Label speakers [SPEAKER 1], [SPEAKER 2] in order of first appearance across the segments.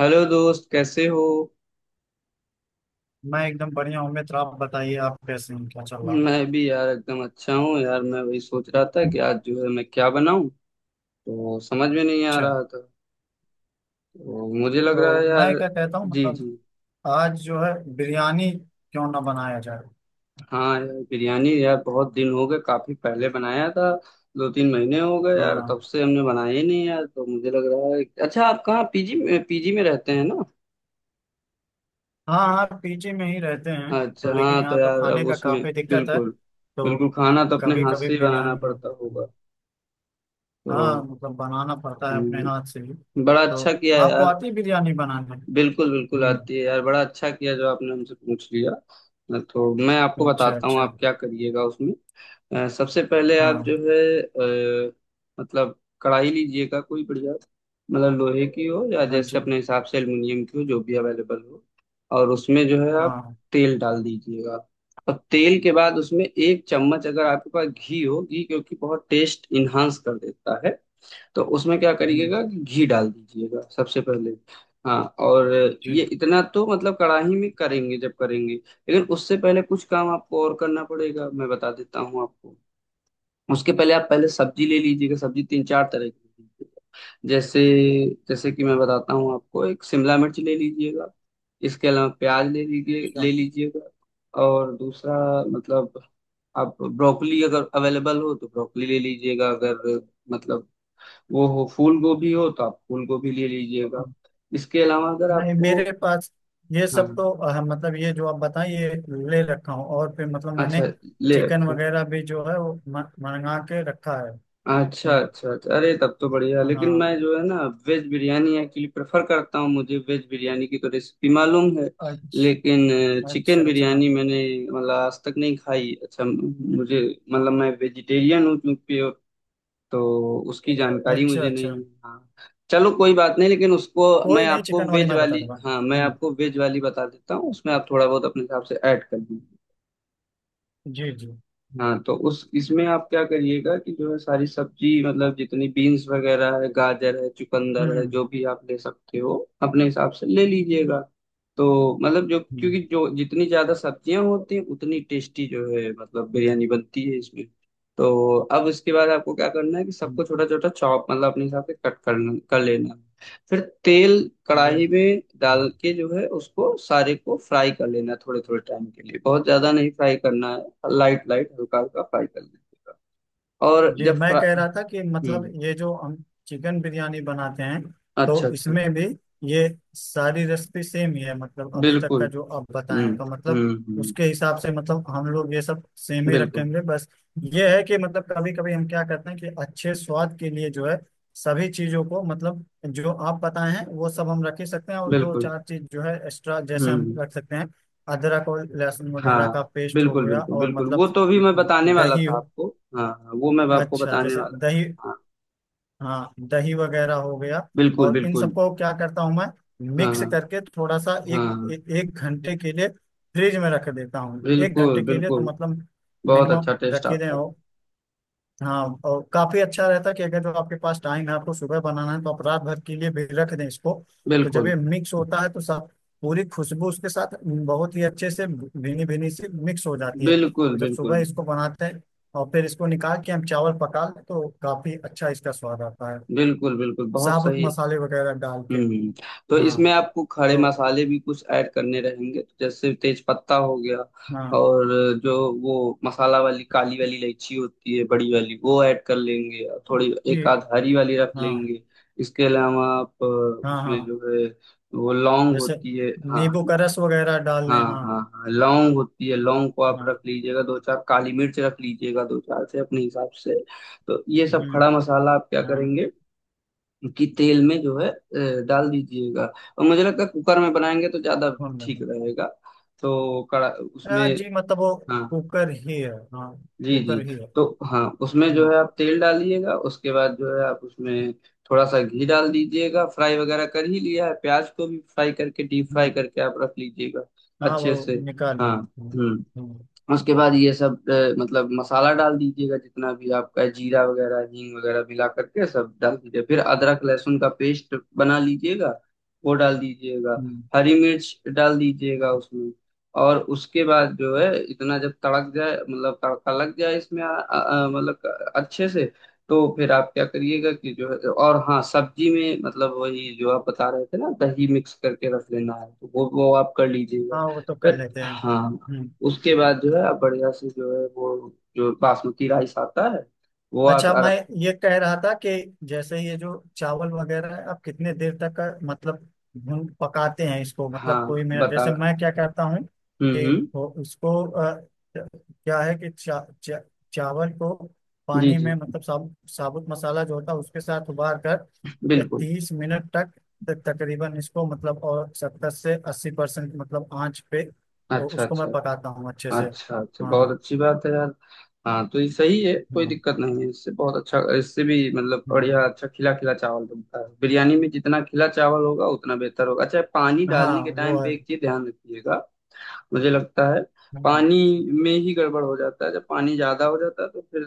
[SPEAKER 1] Hello दोस्त, कैसे हो।
[SPEAKER 2] मैं एकदम बढ़िया हूँ मित्र। आप बताइए, आप कैसे हैं? क्या चल रहा
[SPEAKER 1] मैं भी यार एकदम अच्छा हूँ यार। मैं वही सोच रहा था
[SPEAKER 2] है?
[SPEAKER 1] कि आज जो है मैं क्या बनाऊं, तो समझ में नहीं आ
[SPEAKER 2] अच्छा।
[SPEAKER 1] रहा था। तो मुझे लग रहा
[SPEAKER 2] तो
[SPEAKER 1] है
[SPEAKER 2] मैं
[SPEAKER 1] यार।
[SPEAKER 2] क्या कहता हूँ,
[SPEAKER 1] जी
[SPEAKER 2] मतलब
[SPEAKER 1] जी।
[SPEAKER 2] आज जो है बिरयानी क्यों ना बनाया जाए।
[SPEAKER 1] हाँ यार, बिरयानी यार बहुत दिन हो गए, काफी पहले बनाया था। दो तीन महीने हो गए यार, तब
[SPEAKER 2] हाँ,
[SPEAKER 1] से हमने बनाया ही नहीं यार, तो मुझे लग रहा है। अच्छा आप कहाँ, पीजी में रहते हैं ना।
[SPEAKER 2] हाँ। हाँ, पीजी में ही रहते हैं। तो
[SPEAKER 1] अच्छा
[SPEAKER 2] लेकिन
[SPEAKER 1] हाँ, तो
[SPEAKER 2] यहाँ तो
[SPEAKER 1] यार अब
[SPEAKER 2] खाने का
[SPEAKER 1] उसमें
[SPEAKER 2] काफी दिक्कत है।
[SPEAKER 1] बिल्कुल,
[SPEAKER 2] तो
[SPEAKER 1] बिल्कुल खाना तो अपने
[SPEAKER 2] कभी
[SPEAKER 1] हाथ
[SPEAKER 2] कभी
[SPEAKER 1] से ही बनाना
[SPEAKER 2] बिरयानी हो
[SPEAKER 1] पड़ता
[SPEAKER 2] जाता
[SPEAKER 1] होगा।
[SPEAKER 2] है। हाँ,
[SPEAKER 1] तो
[SPEAKER 2] मतलब बनाना पड़ता है अपने हाथ
[SPEAKER 1] हम्म,
[SPEAKER 2] से ही।
[SPEAKER 1] बड़ा
[SPEAKER 2] तो
[SPEAKER 1] अच्छा किया
[SPEAKER 2] आपको
[SPEAKER 1] यार।
[SPEAKER 2] आती है बिरयानी बनाने?
[SPEAKER 1] बिल्कुल बिल्कुल
[SPEAKER 2] हम्म।
[SPEAKER 1] आती है यार, बड़ा अच्छा किया जो आपने हमसे पूछ लिया। तो मैं आपको
[SPEAKER 2] अच्छा,
[SPEAKER 1] बताता हूँ
[SPEAKER 2] अच्छा।
[SPEAKER 1] आप क्या करिएगा उसमें। सबसे पहले आप
[SPEAKER 2] हाँ।
[SPEAKER 1] जो है, मतलब कढ़ाई लीजिएगा कोई बढ़िया। मतलब लोहे की हो, या
[SPEAKER 2] हाँ
[SPEAKER 1] जैसे
[SPEAKER 2] जी।
[SPEAKER 1] अपने हिसाब से एल्युमिनियम की हो, जो भी अवेलेबल हो। और उसमें जो है आप
[SPEAKER 2] हाँ।
[SPEAKER 1] तेल डाल दीजिएगा। और तेल के बाद उसमें एक चम्मच, अगर आपके पास घी हो, घी क्योंकि बहुत टेस्ट इन्हांस कर देता है, तो उसमें क्या
[SPEAKER 2] हम्म।
[SPEAKER 1] करिएगा कि घी डाल दीजिएगा सबसे पहले। हाँ। और ये
[SPEAKER 2] जी।
[SPEAKER 1] इतना तो मतलब कढ़ाई में करेंगे जब करेंगे, लेकिन उससे पहले कुछ काम आपको और करना पड़ेगा, मैं बता देता हूँ आपको। उसके पहले आप पहले सब्जी ले लीजिएगा, सब्जी तीन चार तरह की ले लीजिएगा। जैसे, जैसे कि मैं बताता हूँ आपको, एक शिमला मिर्च ले लीजिएगा। इसके अलावा प्याज ले लीजिए
[SPEAKER 2] अच्छा।
[SPEAKER 1] ले लीजिएगा और दूसरा, मतलब आप ब्रोकली अगर अवेलेबल हो तो ब्रोकली ले लीजिएगा। अगर मतलब वो हो, फूल गोभी हो तो आप फूल गोभी ले लीजिएगा। इसके अलावा अगर
[SPEAKER 2] नहीं,
[SPEAKER 1] आपको,
[SPEAKER 2] मेरे पास ये
[SPEAKER 1] हाँ
[SPEAKER 2] सब
[SPEAKER 1] हाँ,
[SPEAKER 2] तो मतलब ये जो आप बताएं ये ले रखा हूँ। और फिर मतलब मैंने
[SPEAKER 1] अच्छा ले
[SPEAKER 2] चिकन
[SPEAKER 1] रखे।
[SPEAKER 2] वगैरह भी जो है वो मंगा के रखा है।
[SPEAKER 1] अच्छा
[SPEAKER 2] हम्म।
[SPEAKER 1] अच्छा अच्छा, अरे तब तो बढ़िया, लेकिन
[SPEAKER 2] हाँ।
[SPEAKER 1] मैं जो है ना वेज बिरयानी एक्चुअली प्रेफर करता हूँ। मुझे वेज बिरयानी की तो रेसिपी मालूम है,
[SPEAKER 2] अच्छा,
[SPEAKER 1] लेकिन
[SPEAKER 2] अच्छा,
[SPEAKER 1] चिकन
[SPEAKER 2] अच्छा।
[SPEAKER 1] बिरयानी मैंने मतलब आज तक नहीं खाई। अच्छा मुझे, मतलब मैं वेजिटेरियन हूँ क्योंकि, तो उसकी जानकारी
[SPEAKER 2] अच्छा,
[SPEAKER 1] मुझे
[SPEAKER 2] अच्छा।
[SPEAKER 1] नहीं है। हाँ चलो कोई बात नहीं, लेकिन उसको मैं
[SPEAKER 2] कोई नहीं,
[SPEAKER 1] आपको
[SPEAKER 2] चिकन वाली
[SPEAKER 1] वेज
[SPEAKER 2] मैं बता
[SPEAKER 1] वाली,
[SPEAKER 2] दूंगा।
[SPEAKER 1] हाँ मैं
[SPEAKER 2] हम्म।
[SPEAKER 1] आपको वेज वाली बता देता हूँ, उसमें आप थोड़ा बहुत अपने हिसाब से ऐड कर दीजिए।
[SPEAKER 2] जी जी।
[SPEAKER 1] हाँ तो उस इसमें आप क्या करिएगा कि जो है सारी सब्जी, मतलब जितनी बीन्स वगैरह है, गाजर है, चुकंदर है,
[SPEAKER 2] हम्म।
[SPEAKER 1] जो भी आप ले सकते हो, अपने हिसाब से ले लीजिएगा। तो मतलब जो, क्योंकि
[SPEAKER 2] हम्म।
[SPEAKER 1] जो जितनी ज्यादा सब्जियां होती हैं उतनी टेस्टी जो है मतलब बिरयानी बनती है इसमें। तो अब इसके बाद आपको क्या करना है कि
[SPEAKER 2] हम्म।
[SPEAKER 1] सबको छोटा छोटा चॉप, मतलब अपने हिसाब से कट करना, कर लेना है। फिर तेल
[SPEAKER 2] जी
[SPEAKER 1] कढ़ाई में डाल के जो है उसको सारे को फ्राई कर लेना है थोड़े थोड़े टाइम के लिए, बहुत ज्यादा नहीं फ्राई करना है, लाइट लाइट हल्का हल्का फ्राई कर लेना है। और
[SPEAKER 2] जी।
[SPEAKER 1] जब
[SPEAKER 2] मैं
[SPEAKER 1] फ्रा
[SPEAKER 2] कह रहा था कि मतलब
[SPEAKER 1] हम्म।
[SPEAKER 2] ये जो हम चिकन बिरयानी बनाते हैं
[SPEAKER 1] अच्छा
[SPEAKER 2] तो
[SPEAKER 1] अच्छा।
[SPEAKER 2] इसमें भी ये सारी रेसिपी सेम ही है। मतलब अभी तक का
[SPEAKER 1] बिल्कुल।
[SPEAKER 2] जो आप
[SPEAKER 1] हम्म
[SPEAKER 2] बताएं तो मतलब
[SPEAKER 1] हम्म।
[SPEAKER 2] उसके हिसाब से मतलब हम लोग ये सब सेम ही
[SPEAKER 1] बिल्कुल
[SPEAKER 2] रखेंगे। बस ये है कि मतलब कभी कभी हम क्या करते हैं कि अच्छे स्वाद के लिए जो है सभी चीजों को, मतलब जो आप बताए हैं वो सब हम रख ही सकते हैं, और दो
[SPEAKER 1] बिल्कुल।
[SPEAKER 2] चार चीज जो है एक्स्ट्रा जैसे हम
[SPEAKER 1] हम्म।
[SPEAKER 2] रख सकते हैं। अदरक और लहसुन वगैरह का
[SPEAKER 1] हाँ।
[SPEAKER 2] पेस्ट हो
[SPEAKER 1] बिल्कुल
[SPEAKER 2] गया,
[SPEAKER 1] बिल्कुल
[SPEAKER 2] और
[SPEAKER 1] बिल्कुल,
[SPEAKER 2] मतलब
[SPEAKER 1] वो तो भी मैं बताने वाला
[SPEAKER 2] दही।
[SPEAKER 1] था आपको। हाँ हाँ, वो मैं आपको
[SPEAKER 2] अच्छा,
[SPEAKER 1] बताने
[SPEAKER 2] जैसे
[SPEAKER 1] वाला था।
[SPEAKER 2] दही।
[SPEAKER 1] हाँ।
[SPEAKER 2] हाँ, दही वगैरह हो गया।
[SPEAKER 1] बिल्कुल
[SPEAKER 2] और इन
[SPEAKER 1] बिल्कुल।
[SPEAKER 2] सबको क्या करता हूँ मैं,
[SPEAKER 1] हाँ
[SPEAKER 2] मिक्स
[SPEAKER 1] हाँ
[SPEAKER 2] करके थोड़ा सा
[SPEAKER 1] हाँ।
[SPEAKER 2] एक घंटे के लिए फ्रिज में रख देता हूँ। एक
[SPEAKER 1] बिल्कुल
[SPEAKER 2] घंटे के लिए तो
[SPEAKER 1] बिल्कुल,
[SPEAKER 2] मतलब
[SPEAKER 1] बहुत
[SPEAKER 2] मिनिमम
[SPEAKER 1] अच्छा टेस्ट
[SPEAKER 2] रखे दें
[SPEAKER 1] आता है।
[SPEAKER 2] हो। हाँ, और काफी अच्छा रहता है कि अगर जो आपके पास टाइम है आपको सुबह बनाना है तो आप रात भर के लिए भी रख दें इसको। तो जब
[SPEAKER 1] बिल्कुल
[SPEAKER 2] ये मिक्स होता है तो सब पूरी खुशबू उसके साथ बहुत ही अच्छे से भीनी भीनी सी मिक्स हो जाती है,
[SPEAKER 1] बिल्कुल
[SPEAKER 2] तो जब सुबह
[SPEAKER 1] बिल्कुल।
[SPEAKER 2] इसको बनाते हैं और फिर इसको निकाल के हम चावल पका लें तो काफी अच्छा इसका स्वाद आता है,
[SPEAKER 1] बिल्कुल बिल्कुल, बहुत
[SPEAKER 2] साबुत
[SPEAKER 1] सही।
[SPEAKER 2] मसाले वगैरह डाल के।
[SPEAKER 1] हम्म। तो
[SPEAKER 2] हाँ।
[SPEAKER 1] इसमें आपको खड़े
[SPEAKER 2] तो
[SPEAKER 1] मसाले भी कुछ ऐड करने रहेंगे, तो जैसे तेज पत्ता हो गया,
[SPEAKER 2] हाँ।
[SPEAKER 1] और जो, वो मसाला वाली काली वाली इलायची होती है बड़ी वाली, वो ऐड कर लेंगे, और थोड़ी
[SPEAKER 2] जी।
[SPEAKER 1] एक आध हरी वाली रख
[SPEAKER 2] हाँ।
[SPEAKER 1] लेंगे। इसके अलावा आप
[SPEAKER 2] हाँ।
[SPEAKER 1] उसमें
[SPEAKER 2] हाँ।
[SPEAKER 1] जो है वो लौंग
[SPEAKER 2] जैसे
[SPEAKER 1] होती है, हाँ।
[SPEAKER 2] नींबू का रस वगैरह डाल
[SPEAKER 1] हाँ
[SPEAKER 2] लें। हाँ।
[SPEAKER 1] हाँ हाँ, लौंग होती है, लौंग को आप
[SPEAKER 2] हाँ।
[SPEAKER 1] रख लीजिएगा, दो चार काली मिर्च रख लीजिएगा, दो चार से अपने हिसाब से। तो ये सब
[SPEAKER 2] हम्म।
[SPEAKER 1] खड़ा मसाला आप क्या
[SPEAKER 2] हाँ।
[SPEAKER 1] करेंगे कि तेल में जो है डाल दीजिएगा। और मुझे लगता है कुकर में बनाएंगे तो ज्यादा
[SPEAKER 2] हाँ।
[SPEAKER 1] ठीक रहेगा। तो कड़ा उसमें,
[SPEAKER 2] हाँ जी, मतलब वो
[SPEAKER 1] हाँ
[SPEAKER 2] कुकर ही है। हाँ,
[SPEAKER 1] जी जी।
[SPEAKER 2] कुकर ही है।
[SPEAKER 1] तो हाँ, उसमें जो
[SPEAKER 2] हम्म।
[SPEAKER 1] है आप तेल डालिएगा, उसके बाद जो है आप उसमें थोड़ा सा घी डाल दीजिएगा। फ्राई वगैरह कर ही लिया है, प्याज को भी फ्राई करके, डीप फ्राई
[SPEAKER 2] हम्म,
[SPEAKER 1] करके आप रख लीजिएगा
[SPEAKER 2] हाँ वो
[SPEAKER 1] अच्छे से।
[SPEAKER 2] निकाल लें।
[SPEAKER 1] हाँ।
[SPEAKER 2] हम्म।
[SPEAKER 1] हम्म।
[SPEAKER 2] हम्म।
[SPEAKER 1] उसके बाद ये सब मतलब मसाला डाल दीजिएगा, जितना भी आपका जीरा वगैरह, हींग वगैरह मिला करके सब डाल दीजिए। फिर अदरक लहसुन का पेस्ट बना लीजिएगा, वो डाल दीजिएगा।
[SPEAKER 2] हम्म।
[SPEAKER 1] हरी मिर्च डाल दीजिएगा उसमें। और उसके बाद जो है इतना जब तड़क जाए, मतलब तड़का लग जाए इसमें मतलब अच्छे से। तो फिर आप क्या करिएगा कि जो है, और हाँ, सब्जी में मतलब वही जो आप बता रहे थे ना, दही मिक्स करके रख लेना है, तो वो आप कर लीजिएगा।
[SPEAKER 2] हाँ, वो तो कर
[SPEAKER 1] फिर
[SPEAKER 2] लेते हैं।
[SPEAKER 1] हाँ,
[SPEAKER 2] हम्म।
[SPEAKER 1] उसके बाद जो है आप बढ़िया से जो है वो जो बासमती राइस आता है वो आप
[SPEAKER 2] अच्छा, मैं ये कह रहा था कि जैसे ये जो चावल वगैरह है आप कितने देर तक का मतलब भून पकाते हैं इसको?
[SPEAKER 1] हाँ
[SPEAKER 2] मतलब कोई मेरा
[SPEAKER 1] बता
[SPEAKER 2] जैसे
[SPEAKER 1] रहा हूँ।
[SPEAKER 2] मैं क्या करता हूँ
[SPEAKER 1] हम्म
[SPEAKER 2] कि
[SPEAKER 1] हम्म,
[SPEAKER 2] वो क्या है कि चा, चा, चावल को
[SPEAKER 1] जी
[SPEAKER 2] पानी में,
[SPEAKER 1] जी।
[SPEAKER 2] मतलब साबुत साबुत मसाला जो होता है उसके साथ उबाल कर
[SPEAKER 1] बिल्कुल।
[SPEAKER 2] 30 मिनट तक तक तकरीबन इसको, मतलब और 70 से 80% मतलब आंच पे तो
[SPEAKER 1] अच्छा
[SPEAKER 2] उसको
[SPEAKER 1] अच्छा
[SPEAKER 2] मैं पकाता हूँ अच्छे से।
[SPEAKER 1] अच्छा अच्छा, बहुत
[SPEAKER 2] हाँ।
[SPEAKER 1] अच्छी बात है यार। हाँ तो ये सही है, कोई
[SPEAKER 2] हाँ।
[SPEAKER 1] दिक्कत नहीं है इससे, बहुत अच्छा, इससे भी मतलब
[SPEAKER 2] हम्म,
[SPEAKER 1] बढ़िया अच्छा खिला खिला चावल बनता है। बिरयानी में जितना खिला चावल होगा उतना बेहतर होगा। अच्छा, पानी
[SPEAKER 2] हाँ
[SPEAKER 1] डालने के
[SPEAKER 2] वो
[SPEAKER 1] टाइम पे एक चीज ध्यान रखिएगा, मुझे लगता है
[SPEAKER 2] है।
[SPEAKER 1] पानी में ही गड़बड़ हो जाता है, जब पानी ज्यादा हो जाता है तो फिर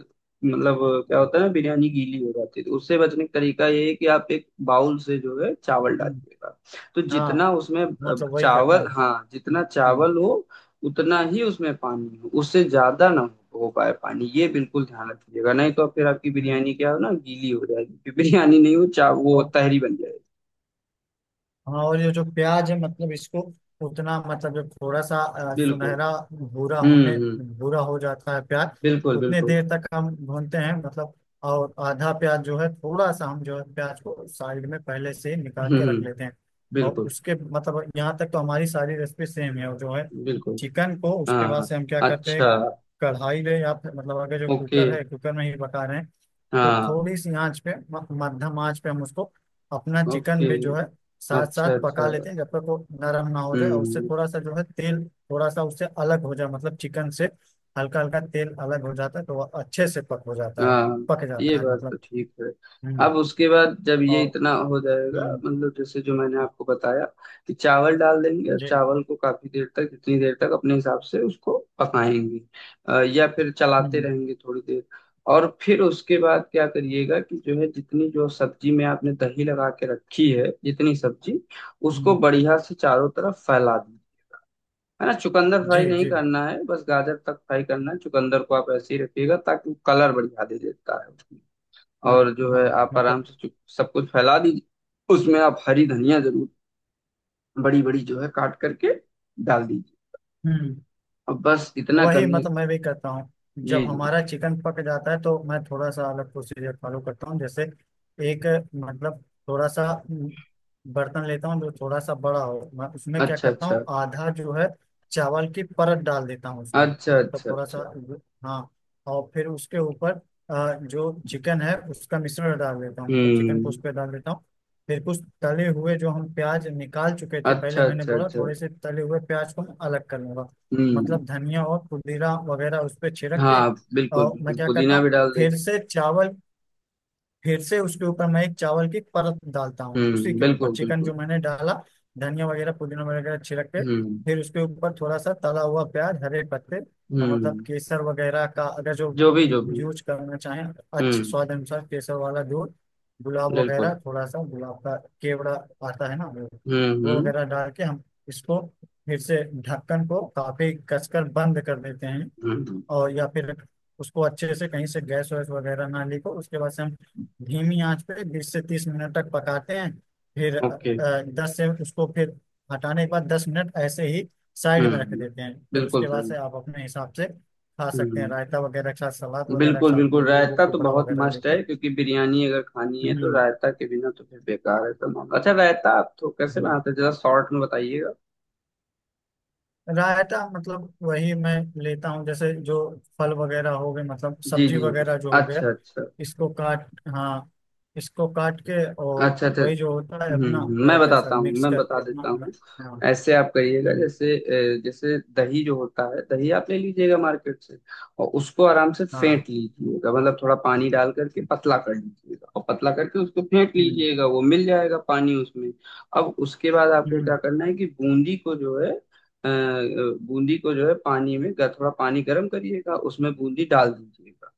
[SPEAKER 1] मतलब क्या होता है ना, बिरयानी गीली हो जाती है। तो उससे बचने का तरीका ये है कि आप एक बाउल से जो है चावल
[SPEAKER 2] हम्म,
[SPEAKER 1] डालिएगा, तो
[SPEAKER 2] हाँ
[SPEAKER 1] जितना उसमें
[SPEAKER 2] मतलब वही करते
[SPEAKER 1] चावल,
[SPEAKER 2] हैं।
[SPEAKER 1] हाँ जितना
[SPEAKER 2] हम्म।
[SPEAKER 1] चावल हो उतना ही उसमें पानी हो, उससे ज्यादा ना हो पाए पानी, ये बिल्कुल ध्यान रखिएगा। नहीं तो फिर आपकी
[SPEAKER 2] हम्म।
[SPEAKER 1] बिरयानी क्या हो ना, गीली हो जाएगी, फिर बिरयानी नहीं हो, चा वो
[SPEAKER 2] और
[SPEAKER 1] तहरी बन जाएगी।
[SPEAKER 2] हाँ, और ये जो प्याज है मतलब इसको उतना मतलब जब थोड़ा सा
[SPEAKER 1] बिल्कुल।
[SPEAKER 2] सुनहरा भूरा होने
[SPEAKER 1] हम्म।
[SPEAKER 2] भूरा हो जाता है प्याज
[SPEAKER 1] बिल्कुल
[SPEAKER 2] उतने
[SPEAKER 1] बिल्कुल।
[SPEAKER 2] देर तक हम भूनते हैं, मतलब। और आधा प्याज जो है थोड़ा सा हम जो है प्याज को साइड में पहले से ही निकाल के रख
[SPEAKER 1] हम्म।
[SPEAKER 2] लेते हैं। और
[SPEAKER 1] बिल्कुल
[SPEAKER 2] उसके मतलब यहाँ तक तो हमारी सारी रेसिपी सेम है। और जो है
[SPEAKER 1] बिल्कुल।
[SPEAKER 2] चिकन को उसके बाद
[SPEAKER 1] हाँ
[SPEAKER 2] से हम क्या करते
[SPEAKER 1] अच्छा।
[SPEAKER 2] हैं, कढ़ाई ले या फिर मतलब अगर जो
[SPEAKER 1] ओके।
[SPEAKER 2] कुकर है कुकर में ही पका रहे हैं तो
[SPEAKER 1] हाँ।
[SPEAKER 2] थोड़ी सी आंच पे मध्यम आंच पे हम उसको अपना चिकन
[SPEAKER 1] ओके।
[SPEAKER 2] भी जो है साथ
[SPEAKER 1] अच्छा
[SPEAKER 2] साथ पका
[SPEAKER 1] अच्छा।
[SPEAKER 2] लेते हैं जब तक वो नरम ना हो जाए, और उससे
[SPEAKER 1] हम्म।
[SPEAKER 2] थोड़ा सा जो है तेल थोड़ा सा उससे अलग हो जाए, मतलब चिकन से हल्का हल्का तेल अलग हो जाता है तो वह अच्छे से पक हो जाता है,
[SPEAKER 1] हाँ
[SPEAKER 2] पक
[SPEAKER 1] ये
[SPEAKER 2] जाता है
[SPEAKER 1] बात तो
[SPEAKER 2] मतलब।
[SPEAKER 1] ठीक है।
[SPEAKER 2] हम्म।
[SPEAKER 1] अब उसके बाद जब ये
[SPEAKER 2] और
[SPEAKER 1] इतना हो जाएगा,
[SPEAKER 2] हम्म।
[SPEAKER 1] मतलब जैसे जो मैंने आपको बताया कि चावल डाल देंगे, और
[SPEAKER 2] जी।
[SPEAKER 1] चावल को काफी देर तक, जितनी देर तक अपने हिसाब से उसको पकाएंगे, या फिर चलाते
[SPEAKER 2] हम्म।
[SPEAKER 1] रहेंगे थोड़ी देर। और फिर उसके बाद क्या करिएगा कि जो है जितनी जो सब्जी में आपने दही लगा के रखी है, जितनी सब्जी, उसको
[SPEAKER 2] हम्म,
[SPEAKER 1] बढ़िया से चारों तरफ फैला दीजिए। है ना, चुकंदर
[SPEAKER 2] जी
[SPEAKER 1] फ्राई नहीं
[SPEAKER 2] जी।
[SPEAKER 1] करना है, बस गाजर तक फ्राई करना है। चुकंदर को आप ऐसे ही रखिएगा ताकि वो कलर बढ़िया दे देता है उसमें।
[SPEAKER 2] मत,
[SPEAKER 1] और जो
[SPEAKER 2] हाँ,
[SPEAKER 1] है आप आराम
[SPEAKER 2] मतलब।
[SPEAKER 1] से सब कुछ फैला दीजिए। उसमें आप हरी धनिया जरूर, बड़ी बड़ी जो है काट करके डाल दीजिए।
[SPEAKER 2] हम्म,
[SPEAKER 1] अब बस इतना
[SPEAKER 2] वही
[SPEAKER 1] करने,
[SPEAKER 2] मतलब मैं भी करता हूँ। जब
[SPEAKER 1] जी जी।
[SPEAKER 2] हमारा चिकन पक जाता है तो मैं थोड़ा सा अलग प्रोसीजर फॉलो करता हूँ। जैसे एक, मतलब थोड़ा सा म, बर्तन लेता हूँ जो थोड़ा सा बड़ा हो, मैं उसमें क्या
[SPEAKER 1] अच्छा
[SPEAKER 2] करता
[SPEAKER 1] अच्छा
[SPEAKER 2] हूँ, आधा जो है चावल की परत डाल देता हूँ उसमें,
[SPEAKER 1] अच्छा
[SPEAKER 2] मतलब
[SPEAKER 1] अच्छा
[SPEAKER 2] थोड़ा सा
[SPEAKER 1] अच्छा।
[SPEAKER 2] जो- हाँ। और फिर उसके ऊपर जो चिकन है उसका मिश्रण डाल देता हूँ, मतलब चिकन को
[SPEAKER 1] हम्म।
[SPEAKER 2] उस पर डाल देता हूँ। फिर कुछ तले हुए जो हम प्याज निकाल चुके थे, पहले
[SPEAKER 1] अच्छा
[SPEAKER 2] मैंने
[SPEAKER 1] अच्छा
[SPEAKER 2] बोला
[SPEAKER 1] अच्छा।
[SPEAKER 2] थोड़े से तले हुए प्याज को मैं अलग कर लूंगा,
[SPEAKER 1] हम्म।
[SPEAKER 2] मतलब धनिया और पुदीना वगैरह उस पे छिड़क के।
[SPEAKER 1] हाँ बिल्कुल
[SPEAKER 2] और मैं
[SPEAKER 1] बिल्कुल,
[SPEAKER 2] क्या करता
[SPEAKER 1] पुदीना
[SPEAKER 2] हूँ
[SPEAKER 1] भी डाल
[SPEAKER 2] फिर
[SPEAKER 1] देंगे।
[SPEAKER 2] से चावल, फिर से उसके ऊपर मैं एक चावल की परत डालता हूँ, उसी के ऊपर
[SPEAKER 1] बिल्कुल
[SPEAKER 2] चिकन जो
[SPEAKER 1] बिल्कुल।
[SPEAKER 2] मैंने डाला, धनिया वगैरह पुदीना वगैरह छिड़क के,
[SPEAKER 1] हम्म
[SPEAKER 2] फिर उसके ऊपर थोड़ा सा तला हुआ प्याज, हरे पत्ते और मतलब
[SPEAKER 1] हम्म।
[SPEAKER 2] केसर वगैरह का अगर जो
[SPEAKER 1] जो भी जो भी।
[SPEAKER 2] यूज करना चाहें अच्छे
[SPEAKER 1] हम्म।
[SPEAKER 2] स्वाद अनुसार, केसर वाला दूध, गुलाब
[SPEAKER 1] बिल्कुल।
[SPEAKER 2] वगैरह, थोड़ा सा गुलाब का, केवड़ा आता है ना
[SPEAKER 1] हम्म
[SPEAKER 2] वो
[SPEAKER 1] हम्म
[SPEAKER 2] वगैरह डाल के हम इसको फिर से ढक्कन को काफी कसकर बंद कर देते हैं।
[SPEAKER 1] हम्म।
[SPEAKER 2] और या फिर उसको अच्छे से कहीं से गैस वैस वगैरह ना लीक हो, उसके बाद से हम धीमी आंच पे 20 से 30 मिनट तक पकाते हैं। फिर
[SPEAKER 1] ओके।
[SPEAKER 2] दस से उसको फिर हटाने के बाद 10 मिनट ऐसे ही
[SPEAKER 1] हम्म
[SPEAKER 2] साइड में रख
[SPEAKER 1] हम्म,
[SPEAKER 2] देते हैं। फिर
[SPEAKER 1] बिल्कुल
[SPEAKER 2] उसके बाद
[SPEAKER 1] सही।
[SPEAKER 2] से आप अपने हिसाब से खा
[SPEAKER 1] हम्म
[SPEAKER 2] सकते हैं
[SPEAKER 1] हम्म,
[SPEAKER 2] रायता वगैरह के साथ, सलाद वगैरह के
[SPEAKER 1] बिल्कुल
[SPEAKER 2] साथ,
[SPEAKER 1] बिल्कुल।
[SPEAKER 2] नींबू वूबू
[SPEAKER 1] रायता तो
[SPEAKER 2] टुकड़ा
[SPEAKER 1] बहुत
[SPEAKER 2] वगैरह
[SPEAKER 1] मस्त है
[SPEAKER 2] लेके।
[SPEAKER 1] क्योंकि बिरयानी अगर खानी है तो
[SPEAKER 2] हम्म।
[SPEAKER 1] रायता के बिना तो फिर बेकार है, तो मामला। अच्छा रायता आप तो कैसे
[SPEAKER 2] हम्म।
[SPEAKER 1] बनाते हैं, जरा शॉर्ट में बताइएगा।
[SPEAKER 2] रायता मतलब वही मैं लेता हूँ, जैसे जो फल वगैरह हो गए, मतलब
[SPEAKER 1] जी
[SPEAKER 2] सब्जी
[SPEAKER 1] जी जी।
[SPEAKER 2] वगैरह जो हो गया
[SPEAKER 1] अच्छा अच्छा
[SPEAKER 2] इसको काट, हाँ इसको काट के, और
[SPEAKER 1] अच्छा अच्छा।
[SPEAKER 2] वही जो होता है अपना
[SPEAKER 1] मैं
[SPEAKER 2] रायते सर
[SPEAKER 1] बताता हूँ,
[SPEAKER 2] मिक्स
[SPEAKER 1] मैं बता
[SPEAKER 2] करके अपना।
[SPEAKER 1] देता हूँ।
[SPEAKER 2] हाँ।
[SPEAKER 1] ऐसे आप करिएगा,
[SPEAKER 2] हम्म।
[SPEAKER 1] जैसे जैसे दही जो होता है, दही आप ले लीजिएगा मार्केट से, और उसको आराम से
[SPEAKER 2] हाँ।
[SPEAKER 1] फेंट लीजिएगा। मतलब थोड़ा पानी डाल करके पतला कर लीजिएगा, और पतला करके उसको फेंट
[SPEAKER 2] हम्म।
[SPEAKER 1] लीजिएगा, वो मिल जाएगा पानी उसमें। अब उसके बाद आपको
[SPEAKER 2] हम्म।
[SPEAKER 1] क्या करना है कि बूंदी को जो है बूंदी को जो है पानी में, थोड़ा पानी गर्म करिएगा, उसमें बूंदी डाल दीजिएगा।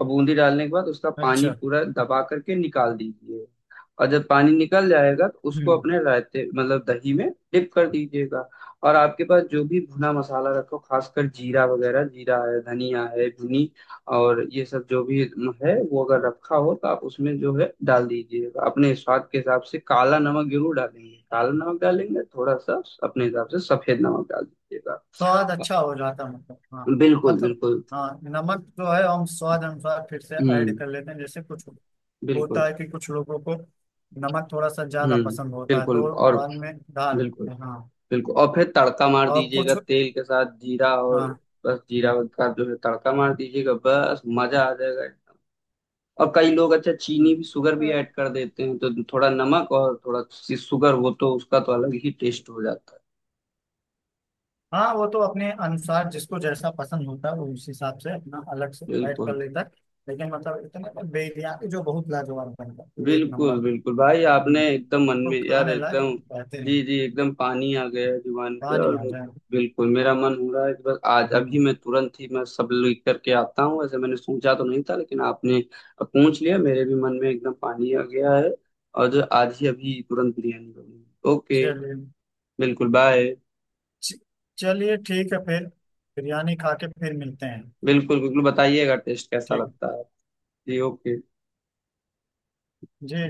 [SPEAKER 1] और बूंदी डालने के बाद उसका पानी
[SPEAKER 2] अच्छा।
[SPEAKER 1] पूरा दबा करके निकाल दीजिए। और जब पानी निकल जाएगा तो उसको
[SPEAKER 2] हम्म।
[SPEAKER 1] अपने रायते, मतलब दही में डिप कर दीजिएगा। और आपके पास जो भी भुना मसाला रखो, खासकर जीरा वगैरह, जीरा है, धनिया है, भुनी, और ये सब जो भी है, वो अगर रखा हो तो आप उसमें जो है डाल दीजिएगा। अपने स्वाद के हिसाब से काला नमक जरूर डालेंगे, काला नमक डालेंगे थोड़ा सा, अपने हिसाब से सफेद नमक डाल दीजिएगा।
[SPEAKER 2] स्वाद अच्छा हो जाता मतलब, हाँ
[SPEAKER 1] बिल्कुल
[SPEAKER 2] मतलब।
[SPEAKER 1] बिल्कुल।
[SPEAKER 2] हाँ, नमक जो है हम स्वाद अनुसार फिर से ऐड
[SPEAKER 1] हम्म।
[SPEAKER 2] कर लेते हैं, जैसे कुछ होता
[SPEAKER 1] बिल्कुल।
[SPEAKER 2] है कि कुछ लोगों को नमक थोड़ा सा ज्यादा
[SPEAKER 1] हम्म।
[SPEAKER 2] पसंद होता है
[SPEAKER 1] बिल्कुल।
[SPEAKER 2] तो
[SPEAKER 1] और
[SPEAKER 2] बाद में डाल
[SPEAKER 1] बिल्कुल
[SPEAKER 2] लेते हैं। हाँ,
[SPEAKER 1] बिल्कुल, और फिर तड़का मार
[SPEAKER 2] और
[SPEAKER 1] दीजिएगा
[SPEAKER 2] कुछ।
[SPEAKER 1] तेल के साथ जीरा और,
[SPEAKER 2] हाँ।
[SPEAKER 1] बस जीरा का जो है तड़का मार दीजिएगा, बस मजा आ जाएगा एकदम। और कई लोग, अच्छा चीनी
[SPEAKER 2] हम्म,
[SPEAKER 1] भी, शुगर भी ऐड कर देते हैं, तो थोड़ा नमक और थोड़ा सी शुगर हो तो उसका तो अलग ही टेस्ट हो जाता है।
[SPEAKER 2] हाँ वो तो अपने अनुसार जिसको जैसा पसंद होता है वो उस हिसाब से अपना अलग से ऐड कर
[SPEAKER 1] बिल्कुल।
[SPEAKER 2] लेता है, लेकिन मतलब इतने बिरयानी जो बहुत लाजवाब बनता है, एक नंबर।
[SPEAKER 1] बिल्कुल बिल्कुल भाई, आपने
[SPEAKER 2] हम्म,
[SPEAKER 1] एकदम मन
[SPEAKER 2] तो
[SPEAKER 1] में यार
[SPEAKER 2] खाने लायक
[SPEAKER 1] एकदम।
[SPEAKER 2] कहते हैं।
[SPEAKER 1] जी जी एकदम पानी आ गया है जुबान पे।
[SPEAKER 2] पानी
[SPEAKER 1] और
[SPEAKER 2] आ जाए।
[SPEAKER 1] बिल्कुल, मेरा मन हो रहा है कि बस आज अभी
[SPEAKER 2] हम्म।
[SPEAKER 1] मैं तुरंत ही, मैं सब लिख करके आता हूँ। ऐसे मैंने सोचा तो नहीं था लेकिन आपने पूछ लिया, मेरे भी मन में एकदम पानी आ गया है, और जो आज ही अभी तुरंत बिरयानी बनी। ओके।
[SPEAKER 2] चलिए।
[SPEAKER 1] बिल्कुल बाय।
[SPEAKER 2] च- चलिए ठीक है, फिर बिरयानी खा के फिर मिलते हैं।
[SPEAKER 1] बिल्कुल बिल्कुल बताइएगा टेस्ट कैसा
[SPEAKER 2] ठीक।
[SPEAKER 1] लगता है। जी ओके।
[SPEAKER 2] जी जी।